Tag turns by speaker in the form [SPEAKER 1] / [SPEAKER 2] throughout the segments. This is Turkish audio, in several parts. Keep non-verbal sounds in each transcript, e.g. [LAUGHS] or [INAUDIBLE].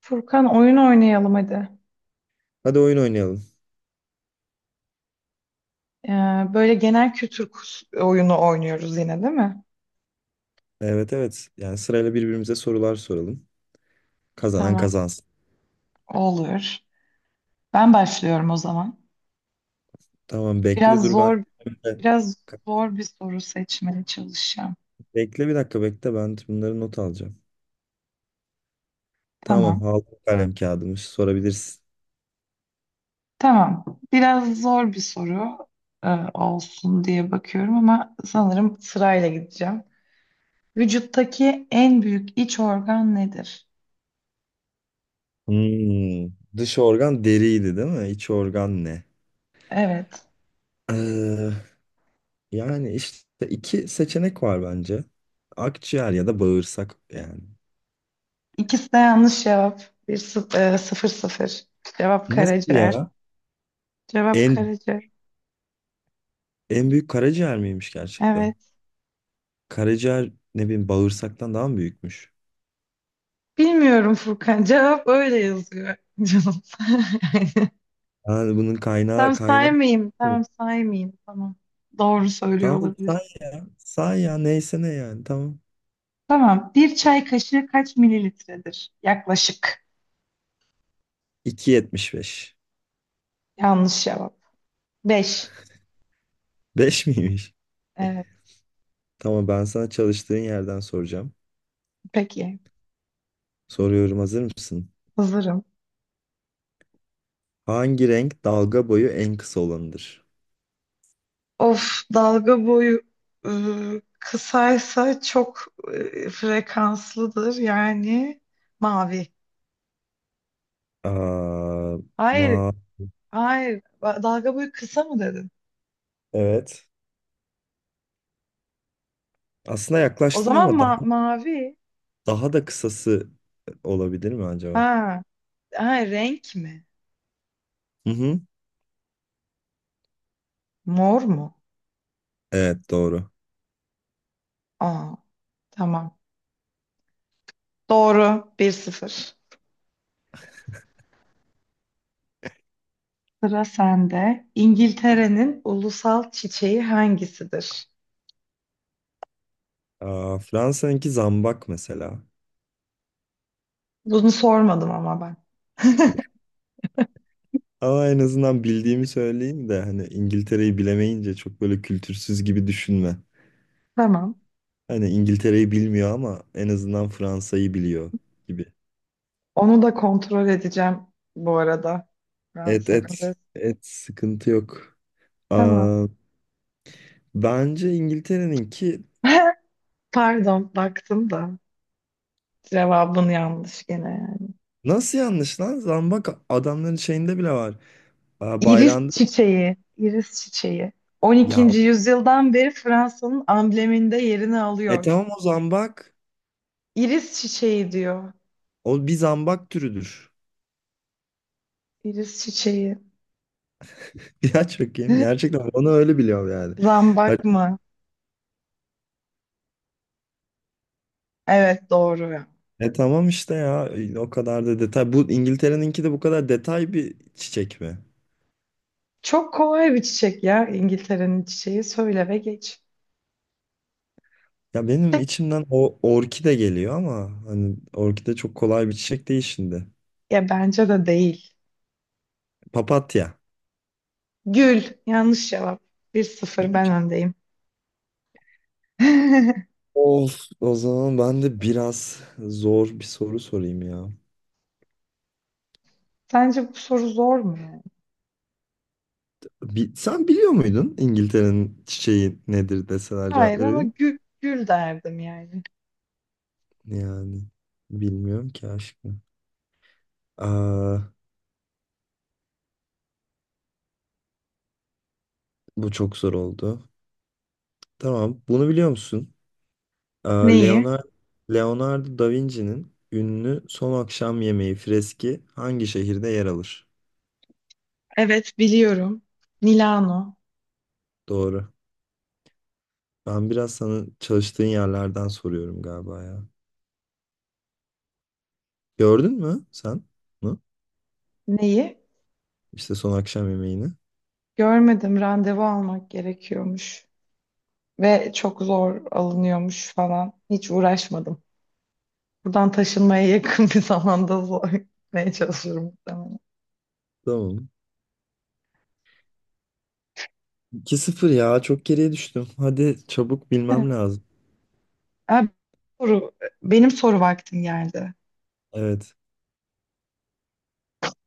[SPEAKER 1] Furkan, oyun oynayalım hadi.
[SPEAKER 2] Hadi oyun oynayalım.
[SPEAKER 1] Ee, Böyle genel kültür oyunu oynuyoruz yine değil mi?
[SPEAKER 2] Evet evet. Yani sırayla birbirimize sorular soralım. Kazanan
[SPEAKER 1] Tamam.
[SPEAKER 2] kazansın.
[SPEAKER 1] Olur. Ben başlıyorum o zaman.
[SPEAKER 2] Tamam bekle
[SPEAKER 1] Biraz
[SPEAKER 2] dur ben.
[SPEAKER 1] zor, biraz zor bir soru seçmeye çalışacağım.
[SPEAKER 2] Bekle bir dakika bekle ben bunları not alacağım.
[SPEAKER 1] Tamam.
[SPEAKER 2] Tamam aldım kalem kağıdımı sorabilirsin.
[SPEAKER 1] Tamam. Biraz zor bir soru e, olsun diye bakıyorum ama sanırım sırayla gideceğim. Vücuttaki en büyük iç organ nedir?
[SPEAKER 2] Hmm, Dış organ deriydi değil mi? İç organ ne?
[SPEAKER 1] Evet.
[SPEAKER 2] Ee, Yani işte iki seçenek var bence. Akciğer ya da bağırsak yani.
[SPEAKER 1] İkisi de yanlış cevap. Sıfır sıfır. Cevap
[SPEAKER 2] Nasıl
[SPEAKER 1] karaciğer.
[SPEAKER 2] ya?
[SPEAKER 1] Cevap
[SPEAKER 2] En
[SPEAKER 1] Karaca.
[SPEAKER 2] en büyük karaciğer miymiş gerçekten?
[SPEAKER 1] Evet.
[SPEAKER 2] Karaciğer ne bileyim bağırsaktan daha mı büyükmüş?
[SPEAKER 1] Bilmiyorum Furkan. Cevap öyle yazıyor. [LAUGHS] Canım. [LAUGHS] Yani.
[SPEAKER 2] Yani bunun kaynağı
[SPEAKER 1] Tam
[SPEAKER 2] kaynağı.
[SPEAKER 1] saymayayım.
[SPEAKER 2] Hı.
[SPEAKER 1] Tamam, saymayayım. Tamam. Doğru söylüyor
[SPEAKER 2] Tamam
[SPEAKER 1] olabilir.
[SPEAKER 2] say ya. Say ya neyse ne yani tamam.
[SPEAKER 1] Tamam. Bir çay kaşığı kaç mililitredir? Yaklaşık.
[SPEAKER 2] iki yetmiş beş.
[SPEAKER 1] Yanlış cevap. Beş.
[SPEAKER 2] Beş [LAUGHS] miymiş?
[SPEAKER 1] Evet.
[SPEAKER 2] Tamam ben sana çalıştığın yerden soracağım.
[SPEAKER 1] Peki.
[SPEAKER 2] Soruyorum, hazır mısın?
[SPEAKER 1] Hazırım.
[SPEAKER 2] Hangi renk dalga boyu en kısa olanıdır?
[SPEAKER 1] Of, dalga boyu kısaysa çok frekanslıdır. Yani mavi.
[SPEAKER 2] Aa,
[SPEAKER 1] Hayır.
[SPEAKER 2] ma
[SPEAKER 1] Hayır. Dalga boyu kısa mı dedin?
[SPEAKER 2] evet. Aslında
[SPEAKER 1] O
[SPEAKER 2] yaklaştın
[SPEAKER 1] zaman
[SPEAKER 2] ama daha
[SPEAKER 1] mavi.
[SPEAKER 2] daha da kısası olabilir mi acaba?
[SPEAKER 1] Ha. Ha, renk mi?
[SPEAKER 2] Hı hı.
[SPEAKER 1] Mor mu?
[SPEAKER 2] Evet, doğru.
[SPEAKER 1] Aa, tamam. Doğru. Bir sıfır. Sıra sende. İngiltere'nin ulusal çiçeği hangisidir?
[SPEAKER 2] Aa, Fransa'nınki zambak mesela.
[SPEAKER 1] Bunu sormadım ama ben.
[SPEAKER 2] Ama en azından bildiğimi söyleyeyim de hani İngiltere'yi bilemeyince çok böyle kültürsüz gibi düşünme.
[SPEAKER 1] Tamam.
[SPEAKER 2] Hani İngiltere'yi bilmiyor ama en azından Fransa'yı biliyor gibi.
[SPEAKER 1] Onu da kontrol edeceğim bu arada. Ben
[SPEAKER 2] Et et
[SPEAKER 1] sana da-
[SPEAKER 2] et, sıkıntı yok.
[SPEAKER 1] Tamam.
[SPEAKER 2] Aa, bence İngiltere'ninki
[SPEAKER 1] [LAUGHS] Pardon, baktım da cevabın yanlış gene. Yani.
[SPEAKER 2] nasıl yanlış lan? Zambak adamların şeyinde bile var. Aa,
[SPEAKER 1] İris
[SPEAKER 2] bayrağında.
[SPEAKER 1] çiçeği, iris çiçeği.
[SPEAKER 2] Ya,
[SPEAKER 1] 12. yüzyıldan beri Fransa'nın ambleminde yerini
[SPEAKER 2] e
[SPEAKER 1] alıyor.
[SPEAKER 2] tamam o zambak.
[SPEAKER 1] İris çiçeği diyor.
[SPEAKER 2] O bir zambak türüdür. [LAUGHS]
[SPEAKER 1] İris çiçeği.
[SPEAKER 2] Ya, çok iyi.
[SPEAKER 1] [LAUGHS]
[SPEAKER 2] Gerçekten onu öyle biliyorum yani. Hani.
[SPEAKER 1] Zambak mı? Evet, doğru ya.
[SPEAKER 2] E tamam işte ya, o kadar da detay. Bu İngiltere'ninki de bu kadar detay bir çiçek mi?
[SPEAKER 1] Çok kolay bir çiçek ya İngiltere'nin çiçeği. Söyle ve geç.
[SPEAKER 2] Ya benim
[SPEAKER 1] Çiçek,
[SPEAKER 2] içimden o orkide geliyor ama hani orkide çok kolay bir çiçek değil şimdi.
[SPEAKER 1] ya bence de değil.
[SPEAKER 2] Papatya.
[SPEAKER 1] Gül. Yanlış cevap. Bir sıfır, ben öndeyim. [LAUGHS]
[SPEAKER 2] Of, o zaman ben de biraz zor bir soru sorayım ya.
[SPEAKER 1] Sence bu soru zor mu yani?
[SPEAKER 2] Sen biliyor muydun İngiltere'nin çiçeği nedir deseler cevap
[SPEAKER 1] Hayır,
[SPEAKER 2] verebilir
[SPEAKER 1] ama
[SPEAKER 2] misin?
[SPEAKER 1] gül, gül derdim yani.
[SPEAKER 2] Yani bilmiyorum ki aşkım. Aa, bu çok zor oldu. Tamam, bunu biliyor musun? Aa,
[SPEAKER 1] Neyi?
[SPEAKER 2] Leonardo da Vinci'nin ünlü Son Akşam Yemeği freski hangi şehirde yer alır?
[SPEAKER 1] Evet, biliyorum. Milano.
[SPEAKER 2] Doğru. Ben biraz sana çalıştığın yerlerden soruyorum galiba ya. Gördün mü sen bunu?
[SPEAKER 1] Neyi?
[SPEAKER 2] İşte Son Akşam Yemeği'ni.
[SPEAKER 1] Görmedim. Randevu almak gerekiyormuş. Ve çok zor alınıyormuş falan. Hiç uğraşmadım. Buradan taşınmaya yakın [LAUGHS] bir zamanda zor gitmeye çalışıyorum muhtemelen.
[SPEAKER 2] Tamam. 2 sıfır ya, çok geriye düştüm. Hadi çabuk
[SPEAKER 1] Evet,
[SPEAKER 2] bilmem lazım.
[SPEAKER 1] soru. Benim soru vaktim geldi.
[SPEAKER 2] Evet.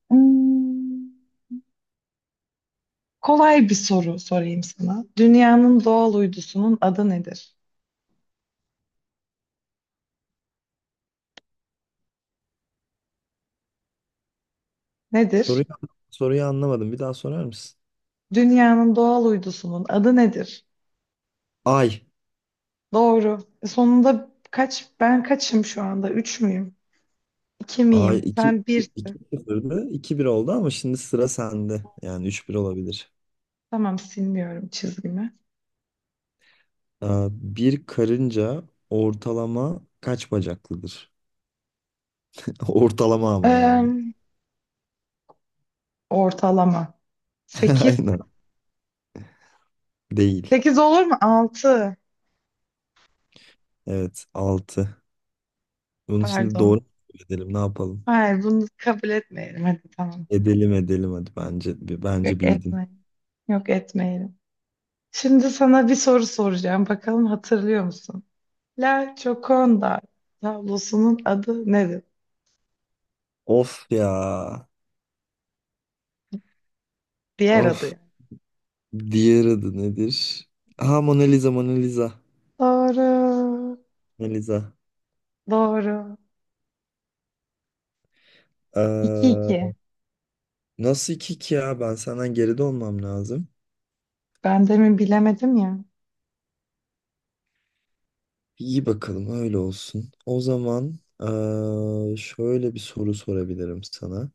[SPEAKER 1] Hmm, kolay bir soru sorayım sana. Dünyanın doğal uydusunun adı nedir? Nedir?
[SPEAKER 2] Soruyu, soruyu anlamadım. Bir daha sorar mısın?
[SPEAKER 1] Dünyanın doğal uydusunun adı nedir?
[SPEAKER 2] Ay.
[SPEAKER 1] Doğru. Sonunda kaç, ben kaçım şu anda? Üç müyüm? İki
[SPEAKER 2] Ay,
[SPEAKER 1] miyim?
[SPEAKER 2] 2
[SPEAKER 1] Sen
[SPEAKER 2] iki
[SPEAKER 1] birsin.
[SPEAKER 2] sıfırdı, iki bir oldu ama şimdi sıra sende. Yani üç bir olabilir.
[SPEAKER 1] Tamam, silmiyorum çizgimi.
[SPEAKER 2] Aa, bir karınca ortalama kaç bacaklıdır? [LAUGHS] Ortalama ama yani.
[SPEAKER 1] Eee, Ortalama.
[SPEAKER 2] [LAUGHS]
[SPEAKER 1] Sekiz,
[SPEAKER 2] Aynen. Değil.
[SPEAKER 1] 8 olur mu? 6,
[SPEAKER 2] Evet, altı. Bunu şimdi doğru
[SPEAKER 1] pardon.
[SPEAKER 2] mu edelim ne yapalım?
[SPEAKER 1] Hayır, bunu kabul etmeyelim. Hadi tamam.
[SPEAKER 2] Edelim edelim hadi, bence
[SPEAKER 1] Yok, yok
[SPEAKER 2] bence bildin.
[SPEAKER 1] etmeyelim. Yok etmeyelim. Şimdi sana bir soru soracağım. Bakalım hatırlıyor musun? La Gioconda tablosunun adı nedir?
[SPEAKER 2] Of ya.
[SPEAKER 1] Diğer adı
[SPEAKER 2] Of.
[SPEAKER 1] yani.
[SPEAKER 2] Diğer adı nedir? Ha, Mona Lisa Mona Lisa.
[SPEAKER 1] Doğru.
[SPEAKER 2] Mona Lisa.
[SPEAKER 1] Doğru. 2 iki.
[SPEAKER 2] Ee, Nasıl iki ki ya? Ben senden geride olmam lazım.
[SPEAKER 1] Ben demin bilemedim ya.
[SPEAKER 2] İyi bakalım öyle olsun. O zaman şöyle bir soru sorabilirim sana.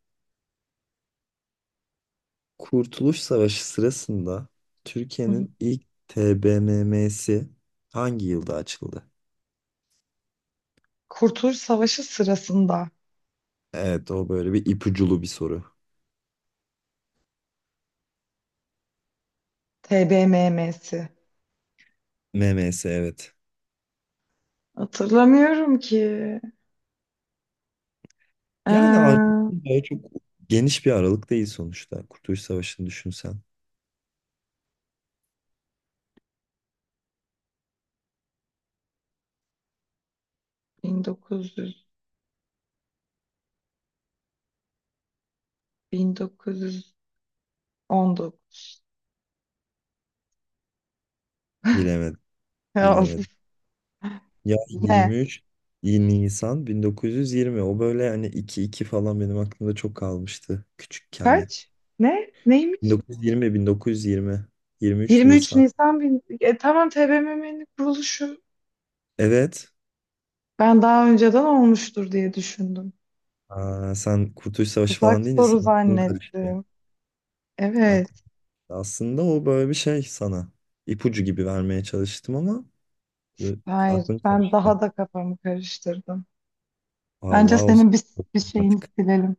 [SPEAKER 2] Kurtuluş Savaşı sırasında
[SPEAKER 1] Hı hı.
[SPEAKER 2] Türkiye'nin ilk TBMM'si hangi yılda açıldı?
[SPEAKER 1] Kurtuluş Savaşı sırasında
[SPEAKER 2] Evet o böyle bir ipuculu bir soru.
[SPEAKER 1] TBMM'si
[SPEAKER 2] MMS, evet.
[SPEAKER 1] hatırlamıyorum ki.
[SPEAKER 2] Yani
[SPEAKER 1] Ee,
[SPEAKER 2] artık böyle çok geniş bir aralık değil sonuçta. Kurtuluş Savaşı'nı düşünsen.
[SPEAKER 1] 1900, 1919.
[SPEAKER 2] Bilemedim,
[SPEAKER 1] Ya,
[SPEAKER 2] bilemedim. Ya,
[SPEAKER 1] ne?
[SPEAKER 2] 23 Nisan 1920, o böyle hani 2-2 falan benim aklımda çok kalmıştı küçükken.
[SPEAKER 1] Kaç? Ne? Neymiş?
[SPEAKER 2] 1920, 1920. 23
[SPEAKER 1] 23
[SPEAKER 2] Nisan.
[SPEAKER 1] Nisan E, tamam TBMM'nin kuruluşu.
[SPEAKER 2] Evet.
[SPEAKER 1] Ben daha önceden olmuştur diye düşündüm.
[SPEAKER 2] Aa, sen Kurtuluş Savaşı
[SPEAKER 1] Tuzak
[SPEAKER 2] falan deyince
[SPEAKER 1] soru
[SPEAKER 2] senin aklın karıştı.
[SPEAKER 1] zannettim.
[SPEAKER 2] Aklın-
[SPEAKER 1] Evet.
[SPEAKER 2] Aslında o böyle bir şey sana. İpucu gibi vermeye çalıştım ama e,
[SPEAKER 1] Hayır.
[SPEAKER 2] aklın
[SPEAKER 1] Ben
[SPEAKER 2] karıştı.
[SPEAKER 1] daha da kafamı karıştırdım. Bence
[SPEAKER 2] Vallahi o
[SPEAKER 1] senin bir şeyini
[SPEAKER 2] artık.
[SPEAKER 1] silelim.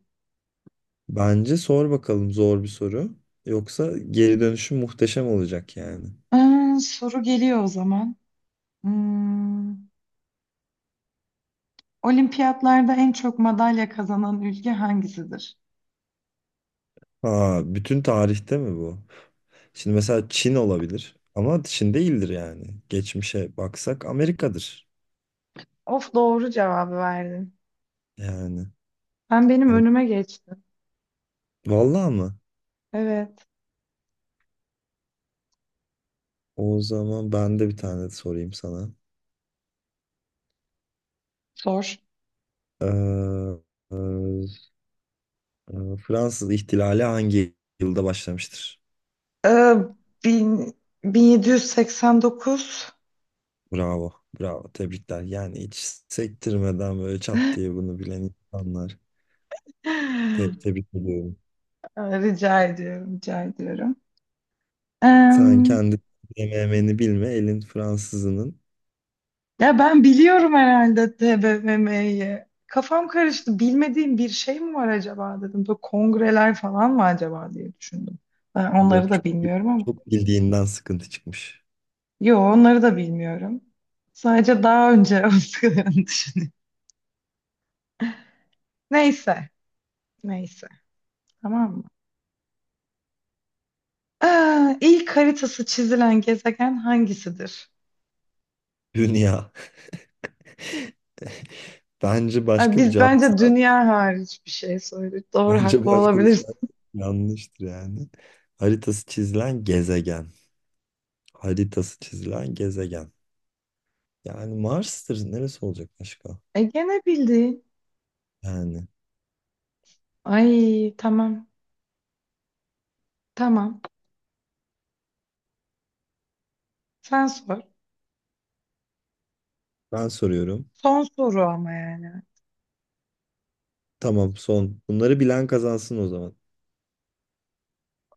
[SPEAKER 2] Bence sor bakalım zor bir soru. Yoksa geri dönüşüm muhteşem olacak yani.
[SPEAKER 1] Soru geliyor o zaman. Hmm. Olimpiyatlarda en çok madalya kazanan ülke hangisidir?
[SPEAKER 2] Ha, bütün tarihte mi bu? Şimdi mesela Çin olabilir ama Çin değildir yani. Geçmişe baksak Amerika'dır.
[SPEAKER 1] Of, doğru cevabı verdin.
[SPEAKER 2] Yani
[SPEAKER 1] Sen benim
[SPEAKER 2] hani,
[SPEAKER 1] önüme geçtin.
[SPEAKER 2] vallahi mı?
[SPEAKER 1] Evet.
[SPEAKER 2] O zaman ben de bir tane sorayım sana.
[SPEAKER 1] Sor.
[SPEAKER 2] Ee, e, Fransız ihtilali hangi yılda başlamıştır?
[SPEAKER 1] Ee, bin, 1789.
[SPEAKER 2] Bravo, bravo. Tebrikler. Yani hiç sektirmeden böyle çat diye
[SPEAKER 1] [LAUGHS]
[SPEAKER 2] bunu bilen insanlar. Tebrik ediyorum.
[SPEAKER 1] Aa, rica ediyorum, rica ediyorum.
[SPEAKER 2] Sen
[SPEAKER 1] Em,
[SPEAKER 2] kendi MM'ni bilme, elin Fransızının
[SPEAKER 1] Ya ben biliyorum herhalde TBMM'yi. Kafam karıştı. Bilmediğim bir şey mi var acaba dedim. Böyle kongreler falan mı acaba diye düşündüm. Ben onları
[SPEAKER 2] yok
[SPEAKER 1] da
[SPEAKER 2] çok,
[SPEAKER 1] bilmiyorum ama.
[SPEAKER 2] çok bildiğinden sıkıntı çıkmış.
[SPEAKER 1] Yo, onları da bilmiyorum. Sadece daha önce [LAUGHS] olduklarını düşünüyorum. Neyse. Neyse. Tamam mı? Aa, ilk haritası çizilen gezegen hangisidir?
[SPEAKER 2] Dünya. [LAUGHS] Bence
[SPEAKER 1] Ay,
[SPEAKER 2] başka bir
[SPEAKER 1] biz
[SPEAKER 2] cevapsa,
[SPEAKER 1] bence dünya hariç bir şey söyledik. Doğru,
[SPEAKER 2] bence
[SPEAKER 1] haklı
[SPEAKER 2] başka bir
[SPEAKER 1] olabiliriz.
[SPEAKER 2] cevap yanlıştır yani. Haritası çizilen gezegen. Haritası çizilen gezegen. Yani Mars'tır. Neresi olacak başka?
[SPEAKER 1] E, gene bildin.
[SPEAKER 2] Yani
[SPEAKER 1] Ay tamam. Tamam. Sen sor.
[SPEAKER 2] ben soruyorum.
[SPEAKER 1] Son soru ama yani.
[SPEAKER 2] Tamam, son. Bunları bilen kazansın o zaman.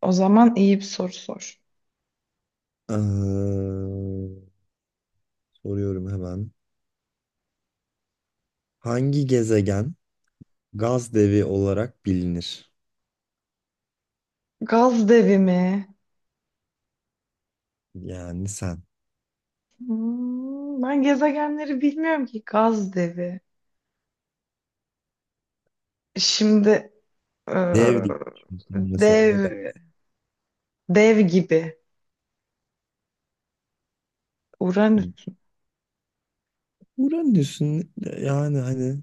[SPEAKER 1] O zaman iyi bir soru sor.
[SPEAKER 2] Ee, Soruyorum hemen. Hangi gezegen gaz devi olarak bilinir?
[SPEAKER 1] Gaz devi mi?
[SPEAKER 2] Yani sen.
[SPEAKER 1] Hmm, ben gezegenleri bilmiyorum ki. Gaz devi. Şimdi Ee,
[SPEAKER 2] Dev diye düşünüyorsun mesela ne
[SPEAKER 1] Dev,
[SPEAKER 2] der?
[SPEAKER 1] dev gibi. Uranüs.
[SPEAKER 2] Uranüs'ün yani hani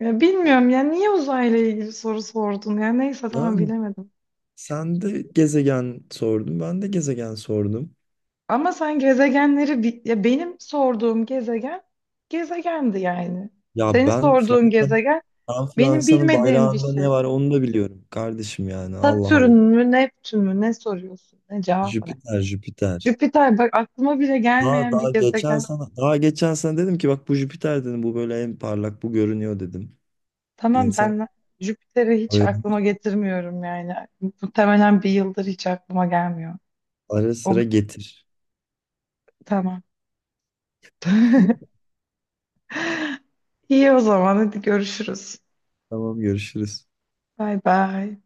[SPEAKER 1] Ya bilmiyorum ya, niye uzayla ilgili soru sordun ya, neyse, tamam,
[SPEAKER 2] yani
[SPEAKER 1] bilemedim.
[SPEAKER 2] sen de gezegen sordun ben de gezegen sordum.
[SPEAKER 1] Ama sen gezegenleri ya benim sorduğum gezegen gezegendi yani.
[SPEAKER 2] Ya
[SPEAKER 1] Senin sorduğun gezegen
[SPEAKER 2] Ben
[SPEAKER 1] benim
[SPEAKER 2] Fransa'nın
[SPEAKER 1] bilmediğim bir
[SPEAKER 2] bayrağında ne
[SPEAKER 1] şey.
[SPEAKER 2] var onu da biliyorum kardeşim yani, Allah
[SPEAKER 1] Satürn
[SPEAKER 2] Allah.
[SPEAKER 1] mü, Neptün mü, ne soruyorsun? Ne cevap ne?
[SPEAKER 2] Jüpiter, Jüpiter.
[SPEAKER 1] Jüpiter, bak, aklıma bile gelmeyen bir gezegen.
[SPEAKER 2] Daha geçen sana dedim ki bak bu Jüpiter dedim, bu böyle en parlak bu görünüyor dedim.
[SPEAKER 1] Tamam,
[SPEAKER 2] İnsan
[SPEAKER 1] ben Jüpiter'i hiç
[SPEAKER 2] böyle
[SPEAKER 1] aklıma getirmiyorum yani. Muhtemelen bir yıldır hiç aklıma gelmiyor.
[SPEAKER 2] ara
[SPEAKER 1] O
[SPEAKER 2] sıra getir.
[SPEAKER 1] tamam. İyi, o zaman hadi görüşürüz.
[SPEAKER 2] Tamam, görüşürüz.
[SPEAKER 1] Bay bay.